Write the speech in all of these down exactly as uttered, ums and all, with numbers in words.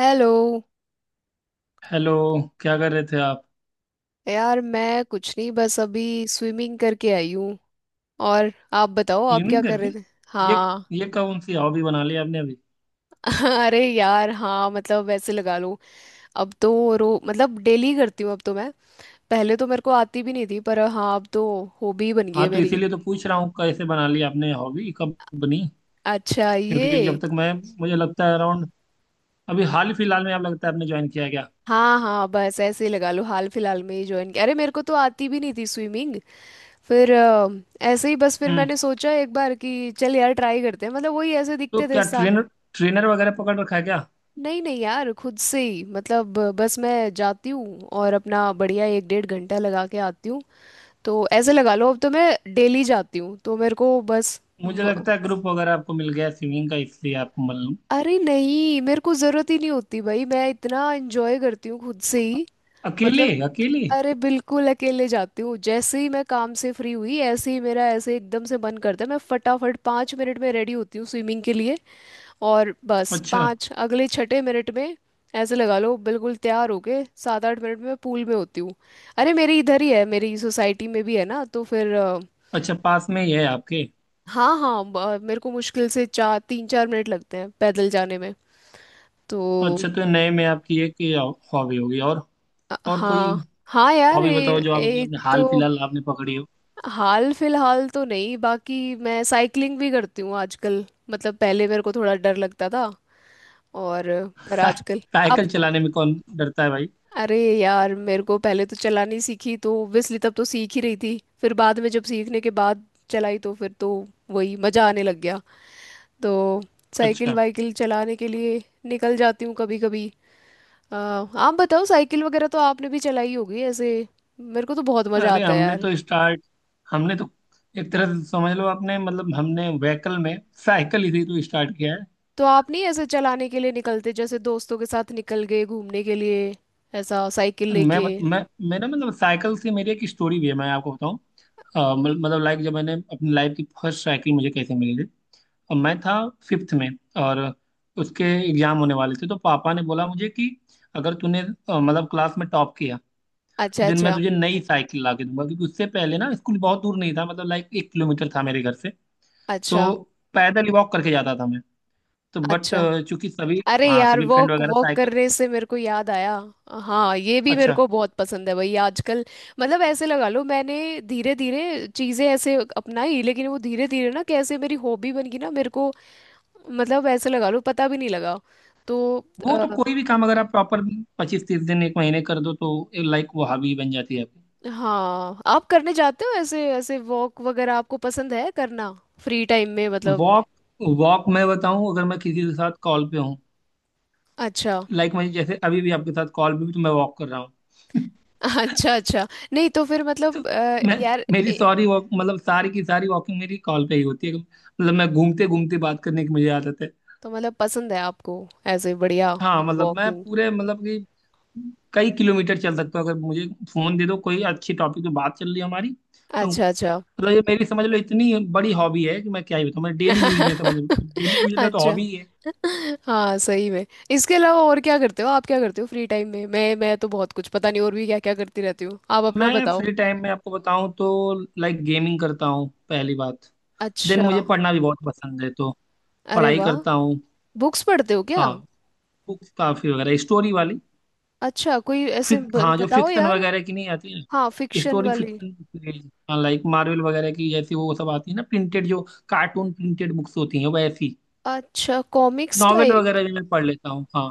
Hello. Hello. क्या कर रहे थे आप। यार मैं कुछ नहीं बस अभी स्विमिंग करके आई हूँ। और आप बताओ आप क्या क्लीनिंग कर करके। रहे थे। ये हाँ। ये कौन सी हॉबी बना ली आपने अभी। अरे यार हाँ मतलब वैसे लगा लो अब तो। रो मतलब डेली करती हूँ अब तो मैं। पहले तो मेरे को आती भी नहीं थी पर हाँ अब तो हॉबी बन गई है हाँ, तो मेरी। इसीलिए तो पूछ रहा हूँ कैसे बना ली आपने, हॉबी कब बनी। अच्छा क्योंकि जब ये। तक मैं, मुझे लगता है अराउंड अभी हाल ही फिलहाल में, आप, लगता है आपने ज्वाइन किया क्या। हाँ हाँ बस ऐसे ही लगा लो हाल फिलहाल में ही ज्वाइन किया। अरे मेरे को तो आती भी नहीं थी स्विमिंग। फिर अ, ऐसे ही बस फिर हम्म मैंने सोचा एक बार कि चल यार ट्राई करते हैं मतलब वही ऐसे तो दिखते थे। क्या ट्रेनर ट्रेनर वगैरह पकड़ रखा है क्या। नहीं नहीं यार खुद से ही मतलब बस मैं जाती हूँ और अपना बढ़िया एक डेढ़ घंटा लगा के आती हूँ। तो ऐसे लगा लो अब तो मैं डेली जाती हूँ तो मेरे को बस। मुझे लगता है ग्रुप वगैरह आपको मिल गया स्विमिंग का, इसलिए आपको मालूम। अरे नहीं मेरे को जरूरत ही नहीं होती भाई मैं इतना एंजॉय करती हूँ खुद से ही। अकेले मतलब। अकेले। अरे बिल्कुल अकेले जाती हूँ जैसे ही मैं काम से फ्री हुई ऐसे ही मेरा ऐसे एकदम से मन करता है मैं फटाफट पाँच मिनट में रेडी होती हूँ स्विमिंग के लिए। और बस अच्छा, पाँच अगले छठे मिनट में ऐसे लगा लो बिल्कुल तैयार होके सात आठ मिनट में मैं पूल में होती हूँ। अरे मेरी इधर ही है मेरी सोसाइटी में भी है ना तो फिर अ, अच्छा, पास में ही है आपके। हाँ हाँ ब- मेरे को मुश्किल से चार तीन चार मिनट लगते हैं पैदल जाने में। तो अच्छा, तो नए में आपकी एक हॉबी होगी, और अ- और कोई हाँ हाँ यार हॉबी बताओ ए, जो आप अभी एक अपने हाल तो। फिलहाल आपने पकड़ी हो। हाल फिलहाल तो नहीं बाकी मैं साइकिलिंग भी करती हूँ आजकल मतलब पहले मेरे को थोड़ा डर लगता था। और पर आजकल अब। साइकिल चलाने में कौन डरता है भाई। अरे यार मेरे को पहले तो चलानी सीखी तो ओब्वियसली तब तो सीख ही रही थी फिर बाद में जब सीखने के बाद चलाई तो फिर तो वही मजा आने लग गया। तो साइकिल अच्छा। वाइकिल चलाने के लिए निकल जाती हूँ कभी कभी। आ, आप बताओ साइकिल वगैरह तो आपने भी चलाई होगी ऐसे। मेरे को तो बहुत मज़ा अरे आता है हमने यार। तो स्टार्ट हमने तो एक तरह से समझ लो आपने मतलब हमने व्हीकल में साइकिल ही से तो स्टार्ट किया है। तो आप नहीं ऐसे चलाने के लिए निकलते जैसे दोस्तों के साथ निकल गए घूमने के लिए ऐसा साइकिल मैं लेके। बत- मैं मेरा मतलब, साइकिल से मेरी एक स्टोरी भी है, मैं आपको बताऊं। अ, मल- मतलब लाइक जब मैंने अपनी लाइफ की फर्स्ट साइकिल मुझे कैसे मिली थी, और मैं था फिफ्थ में, और उसके एग्जाम होने वाले थे, तो पापा ने बोला मुझे कि अगर तूने अ, मतलब क्लास में टॉप किया, अच्छा दिन मैं अच्छा। तुझे नई साइकिल ला के दूंगा, क्योंकि उससे पहले ना स्कूल बहुत दूर नहीं था, मतलब लाइक एक किलोमीटर था मेरे घर से। अच्छा तो पैदल ही वॉक करके जाता था मैं। तो बट, अच्छा। चूंकि सभी अरे हाँ यार सभी फ्रेंड वॉक वगैरह वॉक साइकिल। करने से मेरे को याद आया। हाँ ये भी मेरे अच्छा। को बहुत पसंद है भाई आजकल। मतलब ऐसे लगा लो मैंने धीरे धीरे चीज़ें ऐसे अपनाई लेकिन वो धीरे धीरे ना कैसे मेरी हॉबी बन गई ना मेरे को। मतलब ऐसे लगा लो पता भी नहीं लगा। तो वो अ, तो, कोई भी काम अगर आप प्रॉपर पच्चीस तीस दिन, एक महीने कर दो, तो लाइक वो हॉबी बन जाती है आपकी। हाँ आप करने जाते हो ऐसे ऐसे वॉक वगैरह आपको पसंद है करना फ्री टाइम में मतलब। वॉक वॉक मैं बताऊं, अगर मैं किसी के साथ कॉल पे हूँ, अच्छा। लाइक मैं जैसे अभी भी आपके साथ कॉल पे, भी तो मैं वॉक कर रहा हूँ। अच्छा अच्छा। नहीं तो फिर तो मतलब अ, मैं यार मेरी ए, सॉरी, वॉक मतलब सारी की सारी वॉकिंग मेरी कॉल पे ही होती है। मतलब मैं घूमते घूमते बात करने की मुझे आदत है। तो मतलब पसंद है आपको ऐसे बढ़िया हाँ मतलब मैं वॉकिंग। पूरे, मतलब कि कई किलोमीटर चल सकता हूँ, अगर मुझे फोन दे दो, कोई अच्छी टॉपिक पे बात चल रही है हमारी, तो हम अच्छा अच्छा। मतलब, ये मेरी समझ लो इतनी बड़ी हॉबी है कि मैं क्या ही बताऊँ। मैं डेली यूज में समझ डेली यूज में तो अच्छा। हॉबी ही है। हाँ सही में। इसके अलावा और क्या करते हो आप क्या करते हो फ्री टाइम में। मैं मैं तो बहुत कुछ पता नहीं और भी क्या क्या करती रहती हूँ। आप अपना मैं बताओ। फ्री टाइम में आपको बताऊं तो लाइक गेमिंग करता हूँ पहली बात। देन अच्छा। मुझे पढ़ना भी बहुत पसंद है, तो अरे पढ़ाई वाह। करता हूँ। बुक्स पढ़ते हो क्या। हाँ। बुक्स काफी वगैरह, स्टोरी वाली। अच्छा कोई ऐसे फिक ब, हाँ, जो बताओ फिक्शन यार। वगैरह की नहीं आती हाँ है फिक्शन स्टोरी, वाली। फिक्शन। हाँ लाइक मार्वल वगैरह की, जैसी वो सब आती है ना प्रिंटेड जो कार्टून प्रिंटेड बुक्स होती हैं, वैसी। अच्छा कॉमिक्स नॉवेल टाइप। वगैरह भी मैं पढ़ लेता हूँ हाँ।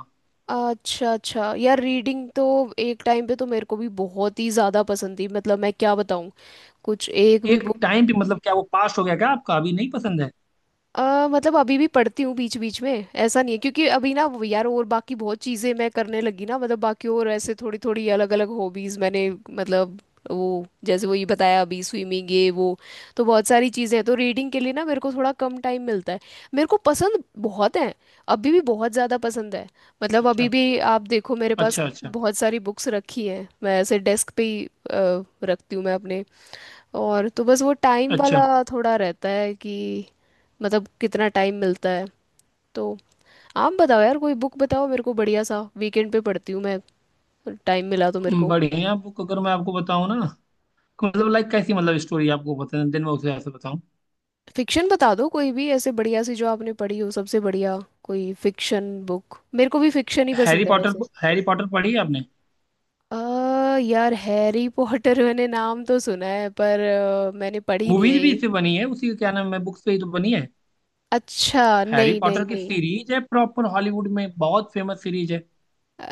अच्छा अच्छा यार रीडिंग तो एक टाइम पे तो मेरे को भी बहुत ही ज़्यादा पसंद थी मतलब मैं क्या बताऊँ कुछ एक भी एक बुक। टाइम भी मतलब, क्या वो पास्ट हो गया क्या आपका, अभी नहीं पसंद है। अ मतलब अभी भी पढ़ती हूँ बीच बीच में ऐसा नहीं है क्योंकि अभी ना वो यार और बाकी बहुत चीज़ें मैं करने लगी ना मतलब बाकी और ऐसे थोड़ी थोड़ी अलग अलग हॉबीज़ मैंने मतलब वो जैसे वो ये बताया अभी स्विमिंग ये वो। तो बहुत सारी चीज़ें हैं तो रीडिंग के लिए ना मेरे को थोड़ा कम टाइम मिलता है। मेरे को पसंद बहुत है। अभी भी बहुत ज़्यादा पसंद है। मतलब अभी अच्छा, भी आप देखो मेरे पास अच्छा। अच्छा, बहुत सारी बुक्स रखी हैं मैं ऐसे डेस्क पे ही अ, रखती हूँ मैं अपने। और तो बस वो टाइम अच्छा। वाला थोड़ा रहता है कि मतलब कितना टाइम मिलता है। तो आप बताओ यार कोई बुक बताओ मेरे को बढ़िया सा। वीकेंड पे पढ़ती हूँ मैं टाइम मिला तो मेरे हम्म, को। बढ़िया बुक अगर मैं आपको बताऊँ ना, मतलब लाइक कैसी, मतलब स्टोरी आपको पसंद है दिन में उसे ऐसे बताऊँ। फिक्शन बता दो कोई भी ऐसे बढ़िया सी जो आपने पढ़ी हो सबसे बढ़िया कोई फिक्शन बुक। मेरे को भी फिक्शन ही हैरी पसंद है पॉटर। वैसे। हैरी पॉटर पढ़ी है आपने। अ यार हैरी पॉटर। मैंने नाम तो सुना है पर अ, मैंने पढ़ी नहीं मूवीज है भी ये। इससे बनी है, उसी का क्या नाम है, बुक्स पे ही तो बनी है। अच्छा हैरी नहीं पॉटर नहीं की नहीं। सीरीज है, प्रॉपर हॉलीवुड में बहुत फेमस सीरीज है।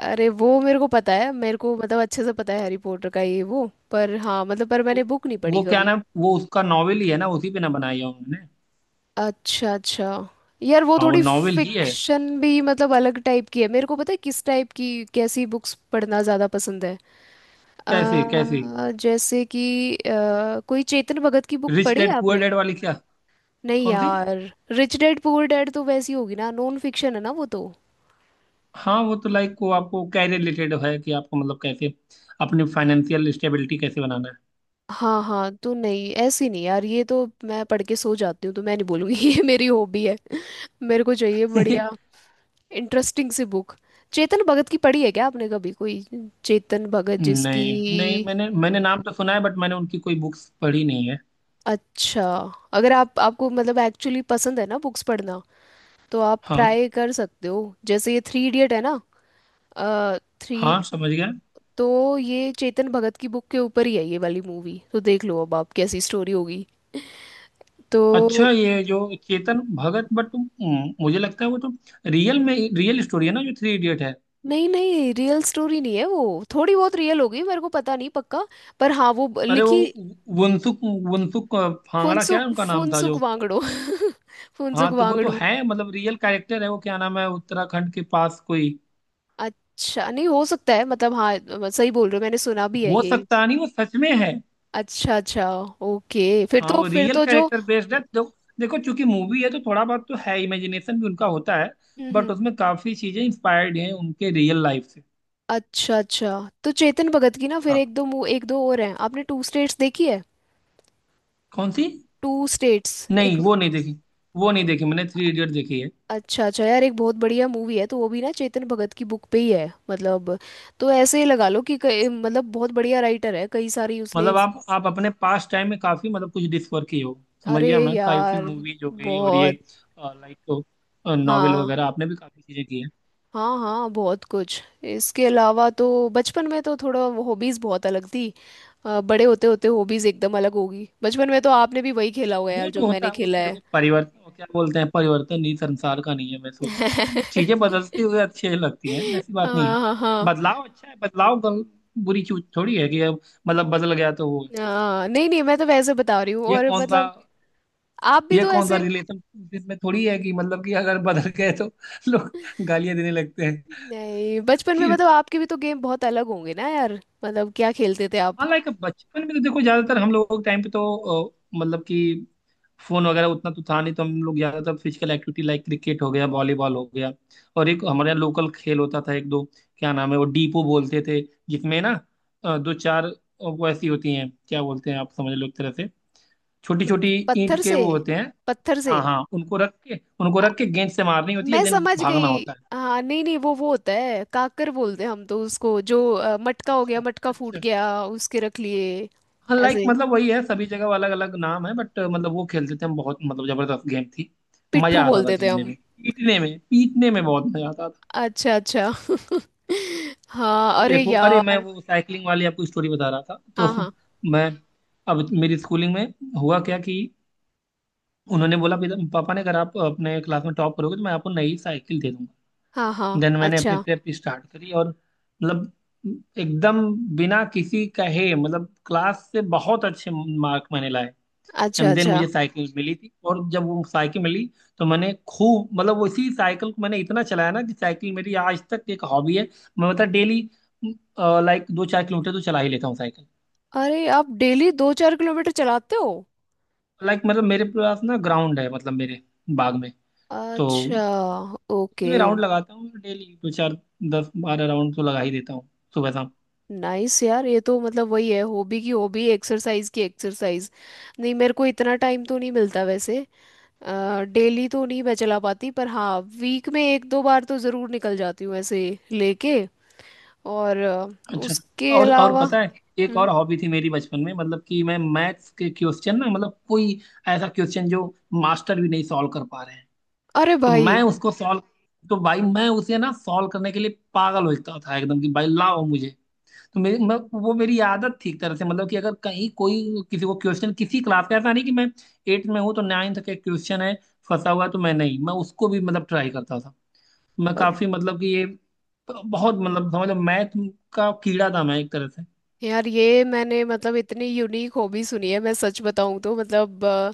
अरे वो मेरे को पता है मेरे को मतलब अच्छे से पता है हैरी पॉटर का ये वो पर हाँ मतलब पर मैंने तो बुक नहीं पढ़ी वो क्या कभी। नाम, वो उसका नॉवेल ही है ना, उसी पे ना बनाई है उन्होंने। अच्छा अच्छा यार वो हाँ वो थोड़ी नॉवेल ही है। फिक्शन भी मतलब अलग टाइप की है मेरे को पता है किस टाइप की। कैसी बुक्स पढ़ना ज़्यादा पसंद है। कैसे कैसे। अ, जैसे कि अ, कोई चेतन भगत की बुक रिच पढ़ी है डैड पुअर आपने। डैड वाली क्या। नहीं कौन सी। यार। रिच डैड पुअर डैड तो वैसी होगी ना नॉन फिक्शन है ना वो तो। हाँ वो तो लाइक, वो आपको क्या रिलेटेड है कि आपको, मतलब कैसे अपनी फाइनेंशियल स्टेबिलिटी कैसे बनाना हाँ हाँ तो नहीं ऐसी नहीं यार ये तो मैं पढ़ के सो जाती हूँ तो मैं नहीं बोलूंगी। ये मेरी हॉबी है। मेरे को चाहिए है। बढ़िया इंटरेस्टिंग सी बुक। चेतन भगत की पढ़ी है क्या आपने कभी कोई। चेतन भगत नहीं नहीं, जिसकी। मैंने मैंने नाम तो सुना है, बट मैंने उनकी कोई बुक्स पढ़ी नहीं है। अच्छा। अगर आप आपको मतलब एक्चुअली पसंद है ना बुक्स पढ़ना तो आप हाँ ट्राई कर सकते हो। जैसे ये थ्री इडियट है ना अ, थ्री। हाँ, समझ गया। तो ये चेतन भगत की बुक के ऊपर ही है ये वाली मूवी तो देख लो अब आप कैसी स्टोरी होगी। तो अच्छा, ये जो चेतन भगत, बट मुझे लगता है वो तो रियल में, रियल स्टोरी है ना जो थ्री इडियट है। नहीं नहीं रियल स्टोरी नहीं है वो थोड़ी बहुत रियल होगी मेरे को पता नहीं पक्का। पर हाँ वो ब- अरे वो, लिखी। वंसुक वंसुक फांगड़ा क्या है फुनसुक। उनका नाम था फुनसुक जो। वांगड़ो। हाँ फुनसुक तो वो तो वांगड़ू। है मतलब रियल कैरेक्टर है, वो क्या नाम है, उत्तराखंड के पास कोई। अच्छा नहीं हो सकता है मतलब हाँ अ, सही बोल रहे हो मैंने सुना भी है हो ये। सकता नहीं, वो सच में है। अच्छा अच्छा। ओके फिर हाँ तो वो फिर रियल तो जो। कैरेक्टर बेस्ड है, तो देखो चूंकि मूवी है तो थोड़ा बहुत तो है इमेजिनेशन भी उनका होता है, हम्म हम्म। बट उसमें काफी चीजें इंस्पायर्ड हैं उनके रियल लाइफ से। अच्छा अच्छा। तो चेतन भगत की ना फिर हाँ। एक दो मु- एक दो और हैं। आपने टू स्टेट्स देखी है। कौन सी। टू स्टेट्स एक। नहीं वो नहीं देखी। वो नहीं देखी मैंने, थ्री इडियट देखी है। अच्छा अच्छा यार एक बहुत बढ़िया मूवी है तो वो भी ना चेतन भगत की बुक पे ही है मतलब। तो ऐसे ही लगा लो कि कई- मतलब बहुत बढ़िया राइटर है कई सारी उसने मतलब इस- आप आप अपने पास टाइम में काफी, मतलब कुछ डिस्कवर किए हो, समझ अरे गया, मैं काफी यार मूवीज हो गई, और ये बहुत। लाइक नॉवेल हाँ वगैरह आपने भी काफी चीजें की है। हाँ हाँ बहुत कुछ। इसके अलावा तो बचपन में तो थोड़ा हॉबीज बहुत अलग थी। अ, बड़े होते होते हॉबीज एकदम अलग होगी बचपन में तो आपने भी वही खेला होगा यार वो जो तो होता मैंने है, वो खेला तो है। देखो परिवर्तन क्या बोलते हैं, परिवर्तन ही संसार का, नहीं है वैसे, चीजें बदलती हुई अच्छी लगती हैं, ऐसी बात नहीं है। हाँ हाँ हाँ। बदलाव अच्छा है, बदलाव गल, बुरी चीज थोड़ी है, कि अब, मतलब बदल गया तो वो है। हाँ, नहीं नहीं मैं तो वैसे बता रही हूँ ये और कौन सा मतलब आप भी ये तो कौन सा ऐसे। रिलेशन में थोड़ी है कि मतलब कि अगर बदल गए तो लोग गालियां देने लगते नहीं बचपन में हैं। मतलब आपके भी तो गेम बहुत अलग होंगे ना यार मतलब क्या खेलते थे आप। हाँ लाइक बचपन में तो देखो ज्यादातर हम लोगों के टाइम पे तो अ, मतलब कि फोन वगैरह उतना तो था नहीं, तो हम लोग ज्यादातर फिजिकल एक्टिविटी, लाइक क्रिकेट हो गया, वॉलीबॉल हो गया, और एक हमारे यहाँ लोकल खेल होता था, एक दो, क्या नाम है वो, डीपो बोलते थे, जिसमें ना अ, दो चार अ, वो ऐसी होती हैं, क्या बोलते हैं आप, समझ लो एक तरह से छोटी कुछ छोटी पत्थर ईंट के से। वो होते हैं। पत्थर से। हाँ हाँ, उनको रख के, उनको रख के गेंद से मारनी होती है, मैं देन समझ भागना गई। होता है। हाँ नहीं नहीं वो वो होता है काकर बोलते हैं हम तो उसको जो अ, मटका हो गया अच्छा, मटका फूट अच्छा। गया उसके रख लिए। लाइक ऐसे मतलब वही है, सभी जगह अलग अलग नाम है, बट मतलब वो खेलते थे हम बहुत, मतलब जबरदस्त गेम थी, पिट्ठू मजा आता था बोलते थे खेलने हम। में। पीटने में, पीटने में बहुत मजा आता था। अच्छा अच्छा। हाँ तो अरे एक वो, अरे मैं यार। वो साइकिलिंग वाली आपको स्टोरी बता रहा था हाँ तो, हाँ मैं, अब मेरी स्कूलिंग में हुआ क्या कि उन्होंने बोला, "पिता- पापा ने, अगर आप अपने क्लास में टॉप करोगे तो मैं आपको नई साइकिल दे दूंगा।" हाँ हाँ। देन मैंने अपनी अच्छा प्रेप स्टार्ट करी, और मतलब एकदम, बिना किसी कहे मतलब क्लास से बहुत अच्छे मार्क मैंने लाए, अच्छा। एंड देन अच्छा। मुझे साइकिल मिली थी। और जब वो साइकिल मिली तो मैंने खूब, मतलब वो, इसी साइकिल को मैंने इतना चलाया ना कि साइकिल मेरी आज तक एक हॉबी है। मैं मतलब डेली लाइक दो चार किलोमीटर तो चला ही लेता हूँ साइकिल, अरे आप डेली दो चार किलोमीटर चलाते हो। लाइक मतलब मेरे पास ना ग्राउंड है, मतलब मेरे बाग में, तो अच्छा। इसी ओके। में राउंड लगाता हूँ डेली, दो चार, दस बारह राउंड तो लगा ही देता हूँ सुबह शाम। नाइस यार ये तो मतलब वही है हॉबी की हॉबी एक्सरसाइज की एक्सरसाइज। नहीं मेरे को इतना टाइम तो नहीं मिलता वैसे। डेली तो नहीं मैं चला पाती पर हाँ वीक में एक दो बार तो ज़रूर निकल जाती हूँ ऐसे लेके। और अ, अच्छा। उसके और और अलावा। पता है, एक हम्म। और हॉबी थी मेरी बचपन में, मतलब कि मैं मैथ्स के क्वेश्चन ना, मतलब कोई ऐसा क्वेश्चन जो मास्टर भी नहीं सॉल्व कर पा रहे हैं, अरे तो भाई। मैं उसको सॉल्व तो भाई मैं उसे ना सॉल्व करने के लिए पागल होता था एकदम, कि भाई लाओ मुझे। तो मेरी मैं, वो मेरी आदत थी एक तरह से, मतलब कि अगर कहीं कोई, किसी को क्वेश्चन, किसी क्लास का, ऐसा नहीं कि मैं एट्थ में हूँ तो नाइन्थ का क्वेश्चन है फंसा हुआ है, तो मैं नहीं, मैं उसको भी मतलब ट्राई करता था। मैं और। काफी, मतलब कि ये बहुत, मतलब समझो मैथ का कीड़ा था मैं एक तरह से। यार ये मैंने मतलब इतनी यूनिक हॉबी सुनी है मैं सच बताऊँ तो मतलब अ,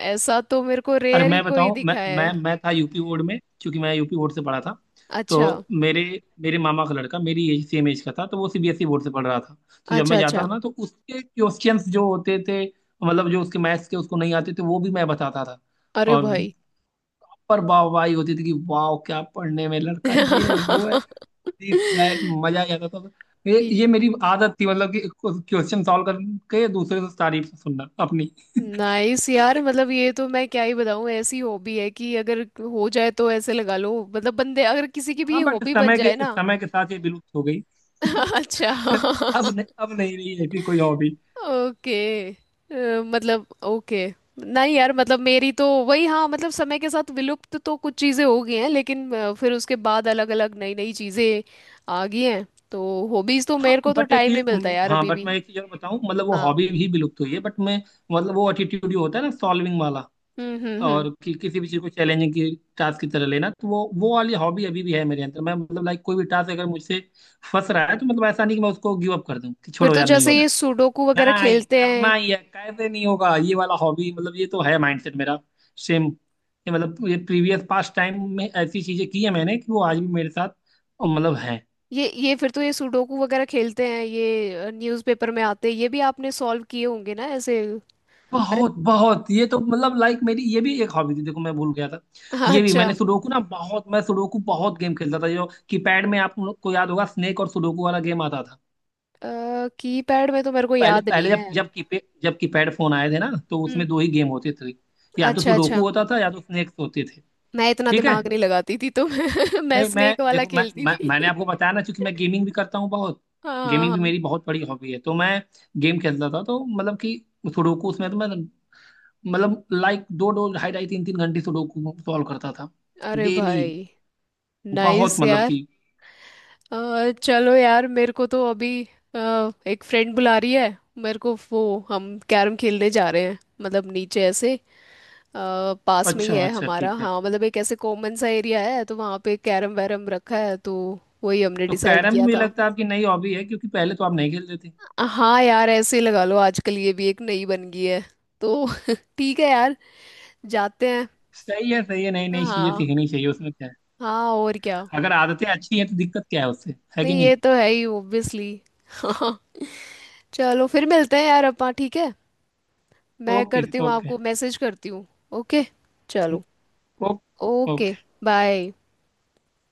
ऐसा तो मेरे को अरे रेयर ही मैं कोई बताऊं, मैं दिखा है। मैं मैं था यू पी बोर्ड में, क्योंकि मैं यू पी बोर्ड से पढ़ा था। तो अच्छा। मेरे मेरे मामा का लड़का मेरी एज, सेम एज का था, तो वो C B S E board से पढ़ रहा था। तो जब अच्छा। मैं जाता अच्छा। था ना, तो उसके क्वेश्चंस जो होते थे, मतलब जो उसके मैथ्स के उसको नहीं आते थे, वो भी मैं बताता था। अरे और, भाई। पर वाहवाही होती थी कि वाह क्या पढ़ने में लड़का, ये है वो है, दिस दैट, मजा ही आता था। ये ये- ये मेरी आदत थी, मतलब कि क्वेश्चन सॉल्व करके दूसरे से तारीफ सुनना अपनी। नाइस यार मतलब ये तो मैं क्या ही बताऊं ऐसी हॉबी है कि अगर हो जाए तो ऐसे लगा लो मतलब बंदे अगर किसी की भी हाँ ये बट, हॉबी बन समय के जाए ना। समय के साथ ये विलुप्त हो गई। अच्छा। अब नहीं, अब नहीं रही ऐसी कोई हॉबी। ओके अ, मतलब ओके। नहीं यार मतलब मेरी तो वही हाँ मतलब समय के साथ विलुप्त तो कुछ चीज़ें हो गई हैं लेकिन अ, फिर उसके बाद अलग अलग नई नई चीज़ें आ गई हैं। तो हॉबीज़ तो हाँ मेरे को तो बट एक टाइम ये, नहीं मिलता हम्म, यार हाँ अभी बट भी। मैं एक चीज और बताऊँ, मतलब वो हाँ। हॉबी भी विलुप्त हुई है बट मैं, मतलब वो एटीट्यूड जो होता है ना सॉल्विंग वाला, हम्म हम्म हम्म। और कि, किसी भी चीज को चैलेंजिंग की, टास्क की तरह लेना, तो वो वो वाली हॉबी अभी भी है मेरे अंदर। मैं मतलब लाइक कोई भी टास्क अगर मुझसे फंस रहा है, तो मतलब ऐसा नहीं कि मैं उसको गिव अप कर दूं, कि फिर छोड़ो तो यार नहीं जैसे हो, ये सुडोकू वगैरह नहीं, खेलते करना हैं। ही है, कैसे नहीं होगा, ये वाला हॉबी मतलब ये तो है माइंडसेट मेरा। सेम, ये मतलब ये प्रीवियस पास्ट टाइम में ऐसी चीजें की है मैंने कि वो आज भी मेरे साथ अ, मतलब है। ये ये फिर तो ये सुडोकू वगैरह खेलते हैं ये न्यूज़पेपर में आते हैं ये भी आपने सॉल्व किए होंगे ना ऐसे। अरे। बहुत बहुत, ये तो मतलब लाइक मेरी ये भी एक हॉबी थी, देखो मैं भूल गया था। हाँ, ये भी, मैंने अच्छा। सुडोकू ना बहुत, मैं सुडोकू बहुत गेम खेलता था, जो कीपैड में आप लोग को याद होगा, स्नेक और सुडोकू वाला गेम आता था। कीपैड में तो मेरे को पहले याद पहले नहीं है। जब जब कीपैड जब कीपैड फोन आए थे ना, तो हम्म। उसमें दो ही गेम होते थे, या तो अच्छा अच्छा। सुडोकू होता था या तो स्नेक्स होते थे। मैं इतना ठीक है। दिमाग नहीं लगाती थी तो मैं, मैं नहीं मैं स्नेक वाला देखो, मैं, खेलती मैं मैंने थी। आपको बताया ना, क्योंकि मैं गेमिंग भी करता हूँ बहुत, हाँ गेमिंग हाँ, भी हाँ। मेरी बहुत बड़ी हॉबी है, तो मैं गेम खेलता था, तो मतलब कि सुडोकू उसमें तो मैं मतलब लाइक दो दो, ढाई ढाई, तीन तीन घंटे सुडोकू सॉल्व करता था अरे डेली, भाई। बहुत नाइस मतलब यार कि। अ, चलो यार मेरे को तो अभी अ, एक फ्रेंड बुला रही है मेरे को वो। हम कैरम खेलने जा रहे हैं मतलब नीचे ऐसे अ, पास में ही अच्छा, है अच्छा। हमारा। ठीक है। हाँ मतलब एक ऐसे कॉमन सा एरिया है तो वहाँ पे कैरम वैरम रखा है तो वही हमने तो डिसाइड कैरम भी किया मुझे था। लगता है आपकी नई हॉबी है, क्योंकि पहले तो आप नहीं खेलते थे। हाँ यार ऐसे ही लगा लो आजकल ये भी एक नई बन गई है। तो ठीक है यार जाते हैं। सही है, सही है, नई नई चीजें हाँ। सीखनी चाहिए, उसमें क्या है। हाँ और क्या। अगर आदतें अच्छी हैं तो दिक्कत क्या है, उससे है कि नहीं नहीं। ये तो है ही ऑब्वियसली। हाँ। चलो फिर मिलते हैं यार अपा ठीक है। मैं ओके, करती हूँ ओके। आपको मैसेज करती हूँ। ओके। चलो। ओके। ओके। ओके। बाय।